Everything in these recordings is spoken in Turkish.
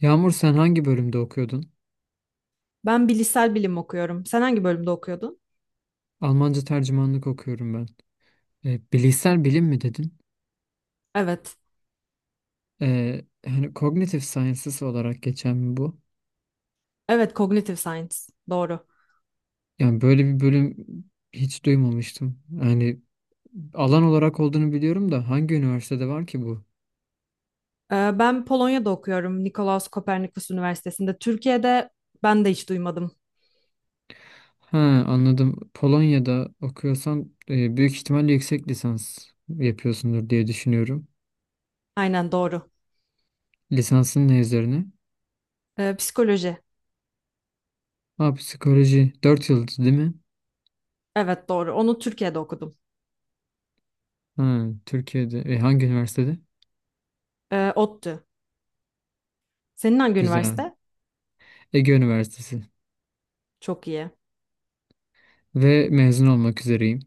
Yağmur, sen hangi bölümde okuyordun? Ben bilişsel bilim okuyorum. Sen hangi bölümde okuyordun? Almanca tercümanlık okuyorum ben. Bilişsel bilim mi dedin? Evet. Hani cognitive sciences olarak geçen mi bu? Evet, Cognitive Science. Doğru. Yani böyle bir bölüm hiç duymamıştım. Yani alan olarak olduğunu biliyorum da hangi üniversitede var ki bu? Ben Polonya'da okuyorum. Nikolaus Kopernikus Üniversitesi'nde. Türkiye'de ben de hiç duymadım. Ha, anladım. Polonya'da okuyorsan büyük ihtimalle yüksek lisans yapıyorsundur diye düşünüyorum. Aynen doğru. Lisansın ne üzerine? Psikoloji. Ha, psikoloji. 4 yıl değil mi? Evet doğru. Onu Türkiye'de okudum. Ha, Türkiye'de. Hangi üniversitede? ODTÜ. Senin hangi Güzel. üniversite? Ege Üniversitesi Çok iyi. ve mezun olmak üzereyim.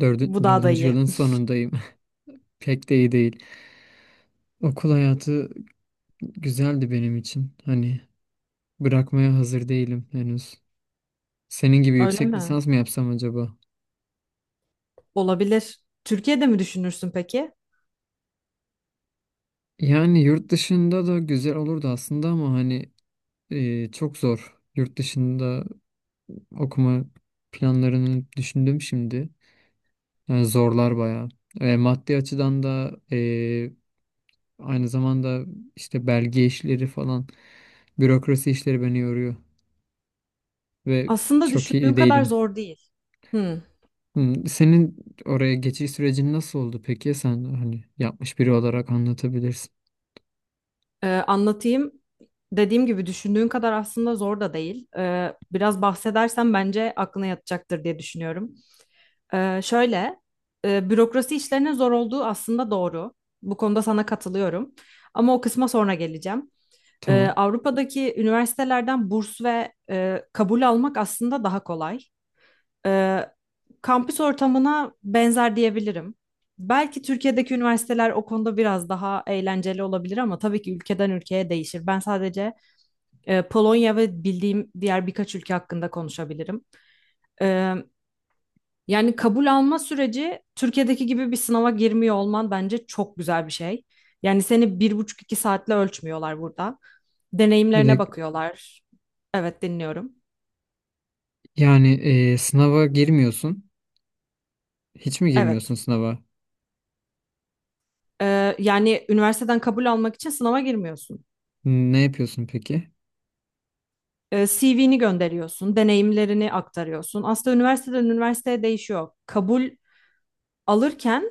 Dördü, Bu daha da dördüncü iyi. yılın sonundayım. Pek de iyi değil. Okul hayatı güzeldi benim için. Hani bırakmaya hazır değilim henüz. Senin gibi Öyle yüksek mi? lisans mı yapsam acaba? Olabilir. Türkiye'de mi düşünürsün peki? Yani yurt dışında da güzel olurdu aslında ama hani çok zor. Yurt dışında okuma planlarını düşündüm şimdi. Yani zorlar bayağı. Maddi açıdan da aynı zamanda işte belge işleri falan. Bürokrasi işleri beni yoruyor ve Aslında çok düşündüğün iyi kadar değilim. zor değil. Hmm. Hmm. Senin oraya geçiş sürecin nasıl oldu peki? Sen hani yapmış biri olarak anlatabilirsin. Anlatayım. Dediğim gibi düşündüğün kadar aslında zor da değil. Biraz bahsedersen bence aklına yatacaktır diye düşünüyorum. Şöyle, bürokrasi işlerinin zor olduğu aslında doğru. Bu konuda sana katılıyorum. Ama o kısma sonra geleceğim. Ee, Tamam. Avrupa'daki üniversitelerden burs ve kabul almak aslında daha kolay. Ee, kampüs ortamına benzer diyebilirim. Belki Türkiye'deki üniversiteler o konuda biraz daha eğlenceli olabilir ama tabii ki ülkeden ülkeye değişir. Ben sadece Polonya ve bildiğim diğer birkaç ülke hakkında konuşabilirim. Yani kabul alma süreci Türkiye'deki gibi bir sınava girmiyor olman bence çok güzel bir şey. Yani seni bir buçuk iki saatle ölçmüyorlar burada. Bir Deneyimlerine de bakıyorlar. Evet, dinliyorum. yani sınava girmiyorsun. Hiç mi girmiyorsun Evet. sınava? Yani üniversiteden kabul almak için sınava girmiyorsun. Ne yapıyorsun peki? CV'ni gönderiyorsun, deneyimlerini aktarıyorsun. Aslında üniversiteden üniversiteye değişiyor. Kabul alırken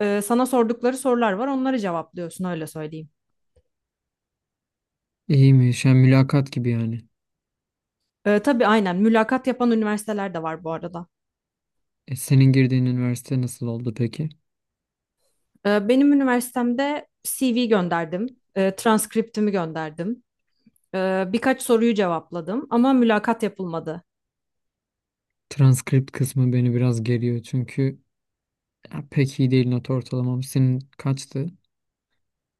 sana sordukları sorular var, onları cevaplıyorsun, öyle söyleyeyim. İyiymiş. Yani mülakat gibi yani. Tabii aynen mülakat yapan üniversiteler de var bu arada. Senin girdiğin üniversite nasıl oldu peki? Benim üniversitemde CV gönderdim, transkriptimi gönderdim, birkaç soruyu cevapladım ama mülakat yapılmadı. Transkript kısmı beni biraz geriyor çünkü ya, pek iyi değil not ortalamam. Senin kaçtı?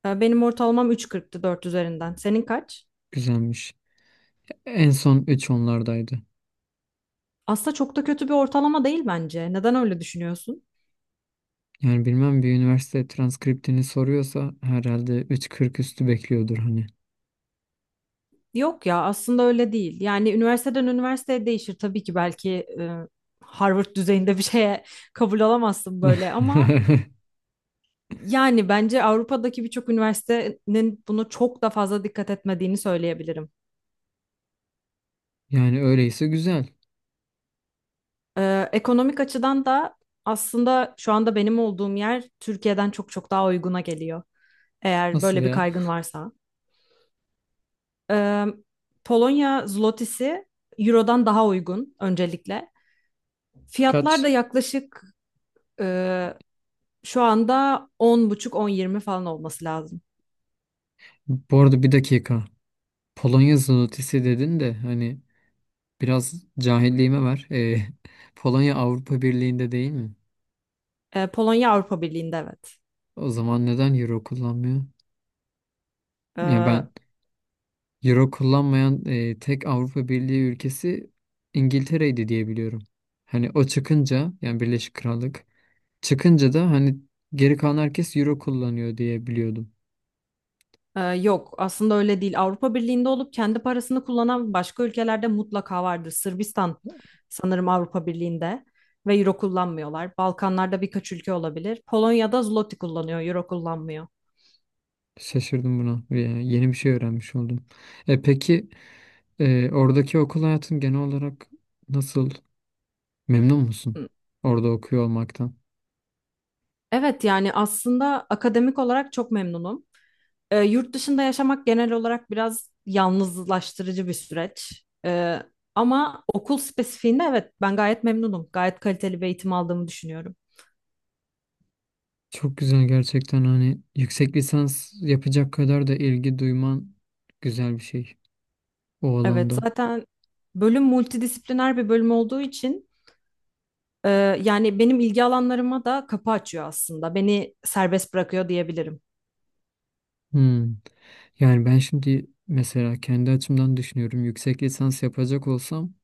Benim ortalamam 3,40'tı, 4 üzerinden. Senin kaç? Güzelmiş. En son 3 onlardaydı. Aslında çok da kötü bir ortalama değil bence. Neden öyle düşünüyorsun? Yani bilmem, bir üniversite transkriptini soruyorsa herhalde 3.40 üstü bekliyordur hani. Yok ya, aslında öyle değil. Yani üniversiteden üniversiteye değişir tabii ki, belki e, Harvard düzeyinde bir şeye kabul alamazsın böyle, ama yani bence Avrupa'daki birçok üniversitenin bunu çok da fazla dikkat etmediğini söyleyebilirim. Yani öyleyse güzel. Ekonomik açıdan da aslında şu anda benim olduğum yer Türkiye'den çok çok daha uyguna geliyor. Eğer Nasıl böyle bir ya? kaygın varsa. Ee, Polonya zlotisi Euro'dan daha uygun öncelikle. Fiyatlar da Kaç? yaklaşık e, şu anda on buçuk, on yirmi falan olması lazım. Bu arada bir dakika. Polonya zlotysi dedin de hani biraz cahilliğime ver. Polonya Avrupa Birliği'nde değil mi? Polonya Avrupa Birliği'nde, evet. O zaman neden euro kullanmıyor? Ya Ee, ben euro kullanmayan tek Avrupa Birliği ülkesi İngiltere'ydi diye biliyorum. Hani o çıkınca, yani Birleşik Krallık çıkınca da hani geri kalan herkes euro kullanıyor diye biliyordum. yok aslında öyle değil. Avrupa Birliği'nde olup kendi parasını kullanan başka ülkelerde mutlaka vardır. Sırbistan sanırım Avrupa Birliği'nde ve euro kullanmıyorlar. Balkanlarda birkaç ülke olabilir. Polonya'da zloty kullanıyor, euro kullanmıyor. Şaşırdım buna. Yani yeni bir şey öğrenmiş oldum. E peki, oradaki okul hayatın genel olarak nasıl? Memnun musun Hı. orada okuyor olmaktan? Evet, yani aslında akademik olarak çok memnunum. Yurt dışında yaşamak genel olarak biraz yalnızlaştırıcı bir süreç. Ama okul spesifiğinde, evet, ben gayet memnunum. Gayet kaliteli bir eğitim aldığımı düşünüyorum. Çok güzel gerçekten, hani yüksek lisans yapacak kadar da ilgi duyman güzel bir şey o Evet, alanda. zaten bölüm multidisipliner bir bölüm olduğu için e, yani benim ilgi alanlarıma da kapı açıyor aslında. Beni serbest bırakıyor diyebilirim. Hmm. Yani ben şimdi mesela kendi açımdan düşünüyorum. Yüksek lisans yapacak olsam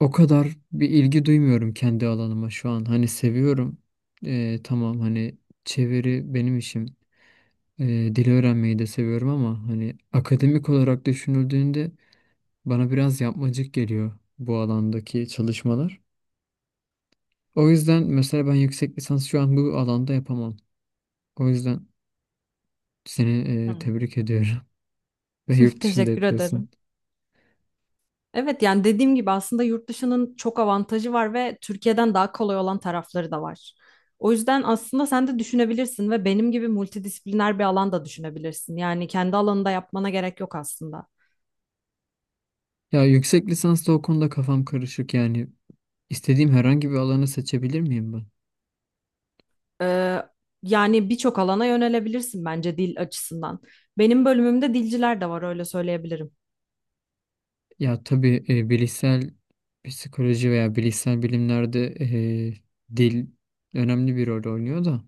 o kadar bir ilgi duymuyorum kendi alanıma şu an. Hani seviyorum. Tamam, hani çeviri benim işim. Dil öğrenmeyi de seviyorum ama hani akademik olarak düşünüldüğünde bana biraz yapmacık geliyor bu alandaki çalışmalar. O yüzden mesela ben yüksek lisans şu an bu alanda yapamam. O yüzden seni Hı. Tebrik ediyorum. Ve yurt dışında Teşekkür ederim. yapıyorsun. Evet, yani dediğim gibi aslında yurt dışının çok avantajı var ve Türkiye'den daha kolay olan tarafları da var. O yüzden aslında sen de düşünebilirsin ve benim gibi multidisipliner bir alan da düşünebilirsin. Yani kendi alanında yapmana gerek yok aslında. Ya, yüksek lisansta o konuda kafam karışık yani. İstediğim herhangi bir alanı seçebilir miyim ben? Ee, yani birçok alana yönelebilirsin bence dil açısından. Benim bölümümde dilciler de var, öyle söyleyebilirim. Ya tabii, bilişsel psikoloji veya bilişsel bilimlerde dil önemli bir rol oynuyor da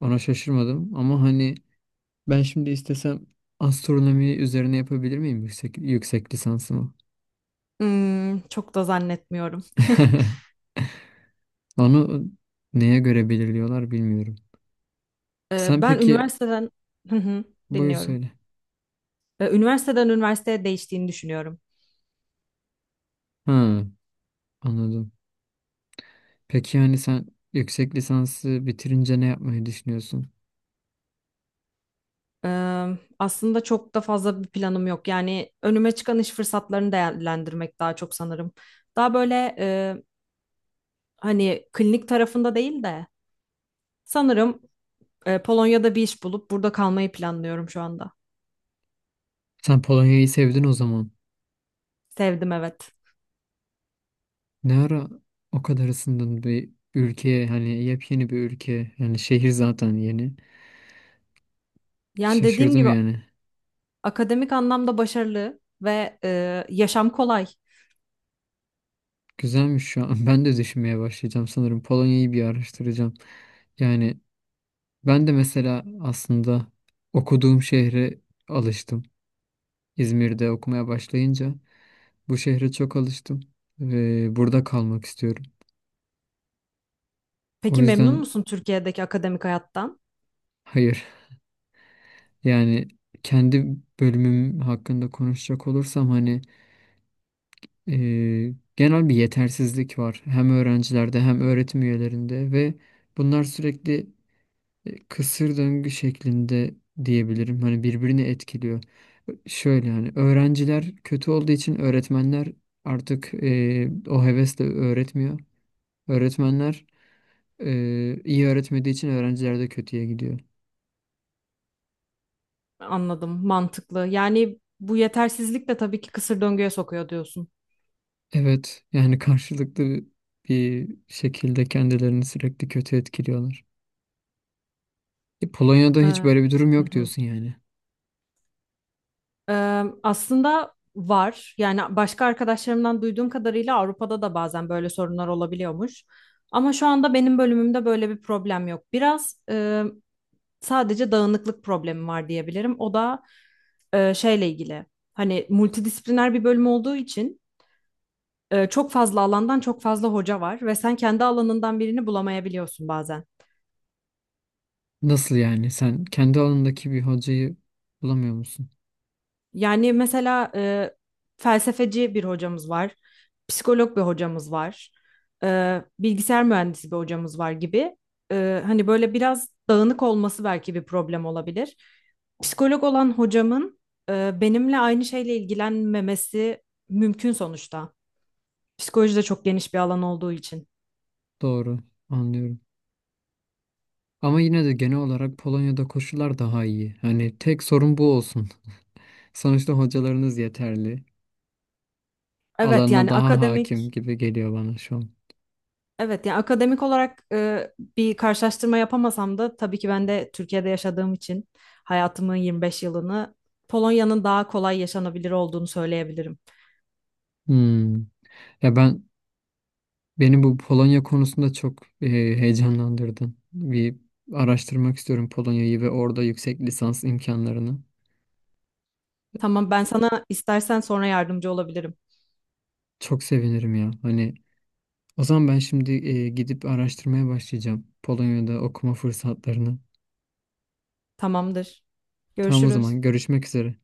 ona şaşırmadım. Ama hani ben şimdi istesem astronomi üzerine yapabilir miyim yüksek lisansımı? Hmm, çok da zannetmiyorum. Onu neye göre belirliyorlar bilmiyorum. Ee, Sen ben peki üniversiteden Hı hı, buyur dinliyorum. söyle. Ve üniversiteden üniversiteye değiştiğini düşünüyorum. Ha, anladım. Peki yani sen yüksek lisansı bitirince ne yapmayı düşünüyorsun? Aslında çok da fazla bir planım yok. Yani önüme çıkan iş fırsatlarını değerlendirmek daha çok, sanırım. Daha böyle hani klinik tarafında değil de sanırım Polonya'da bir iş bulup burada kalmayı planlıyorum şu anda. Sen Polonya'yı sevdin o zaman. Sevdim, evet. Ne ara o kadar ısındın bir ülkeye, hani yepyeni bir ülke, yani şehir zaten yeni. Yani dediğim Şaşırdım gibi yani. akademik anlamda başarılı ve yaşam kolay. Güzelmiş şu an. Ben de düşünmeye başlayacağım sanırım. Polonya'yı bir araştıracağım. Yani ben de mesela aslında okuduğum şehre alıştım. İzmir'de okumaya başlayınca bu şehre çok alıştım ve burada kalmak istiyorum. O Peki, memnun yüzden musun Türkiye'deki akademik hayattan? hayır, yani kendi bölümüm hakkında konuşacak olursam hani genel bir yetersizlik var hem öğrencilerde hem öğretim üyelerinde ve bunlar sürekli kısır döngü şeklinde diyebilirim. Hani birbirini etkiliyor. Şöyle, hani öğrenciler kötü olduğu için öğretmenler artık o hevesle öğretmiyor. Öğretmenler iyi öğretmediği için öğrenciler de kötüye gidiyor. Anladım, mantıklı. Yani bu yetersizlik de tabii ki kısır döngüye sokuyor diyorsun. Evet, yani karşılıklı bir şekilde kendilerini sürekli kötü etkiliyorlar. Polonya'da Ee, hiç böyle bir durum hı yok hı. diyorsun yani. Aslında var. Yani başka arkadaşlarımdan duyduğum kadarıyla Avrupa'da da bazen böyle sorunlar olabiliyormuş. Ama şu anda benim bölümümde böyle bir problem yok. Sadece dağınıklık problemi var diyebilirim. O da şeyle ilgili. Hani multidisipliner bir bölüm olduğu için çok fazla alandan çok fazla hoca var ve sen kendi alanından birini bulamayabiliyorsun bazen. Nasıl yani? Sen kendi alanındaki bir hocayı bulamıyor musun? Yani mesela felsefeci bir hocamız var, psikolog bir hocamız var, bilgisayar mühendisi bir hocamız var gibi. Hani böyle biraz dağınık olması belki bir problem olabilir. Psikolog olan hocamın benimle aynı şeyle ilgilenmemesi mümkün sonuçta. Psikoloji de çok geniş bir alan olduğu için. Doğru, anlıyorum. Ama yine de genel olarak Polonya'da koşullar daha iyi. Hani tek sorun bu olsun. Sonuçta hocalarınız yeterli. Evet Alanına yani daha hakim akademik gibi geliyor bana şu an. Evet, yani akademik olarak bir karşılaştırma yapamasam da tabii ki ben de Türkiye'de yaşadığım için, hayatımın 25 yılını, Polonya'nın daha kolay yaşanabilir olduğunu söyleyebilirim. Hmm. Ya ben, beni bu Polonya konusunda çok heyecanlandırdın. Bir araştırmak istiyorum Polonya'yı ve orada yüksek lisans imkanlarını. Tamam, ben sana istersen sonra yardımcı olabilirim. Çok sevinirim ya. Hani o zaman ben şimdi gidip araştırmaya başlayacağım Polonya'da okuma fırsatlarını. Tamamdır. Tamam o Görüşürüz. zaman, görüşmek üzere.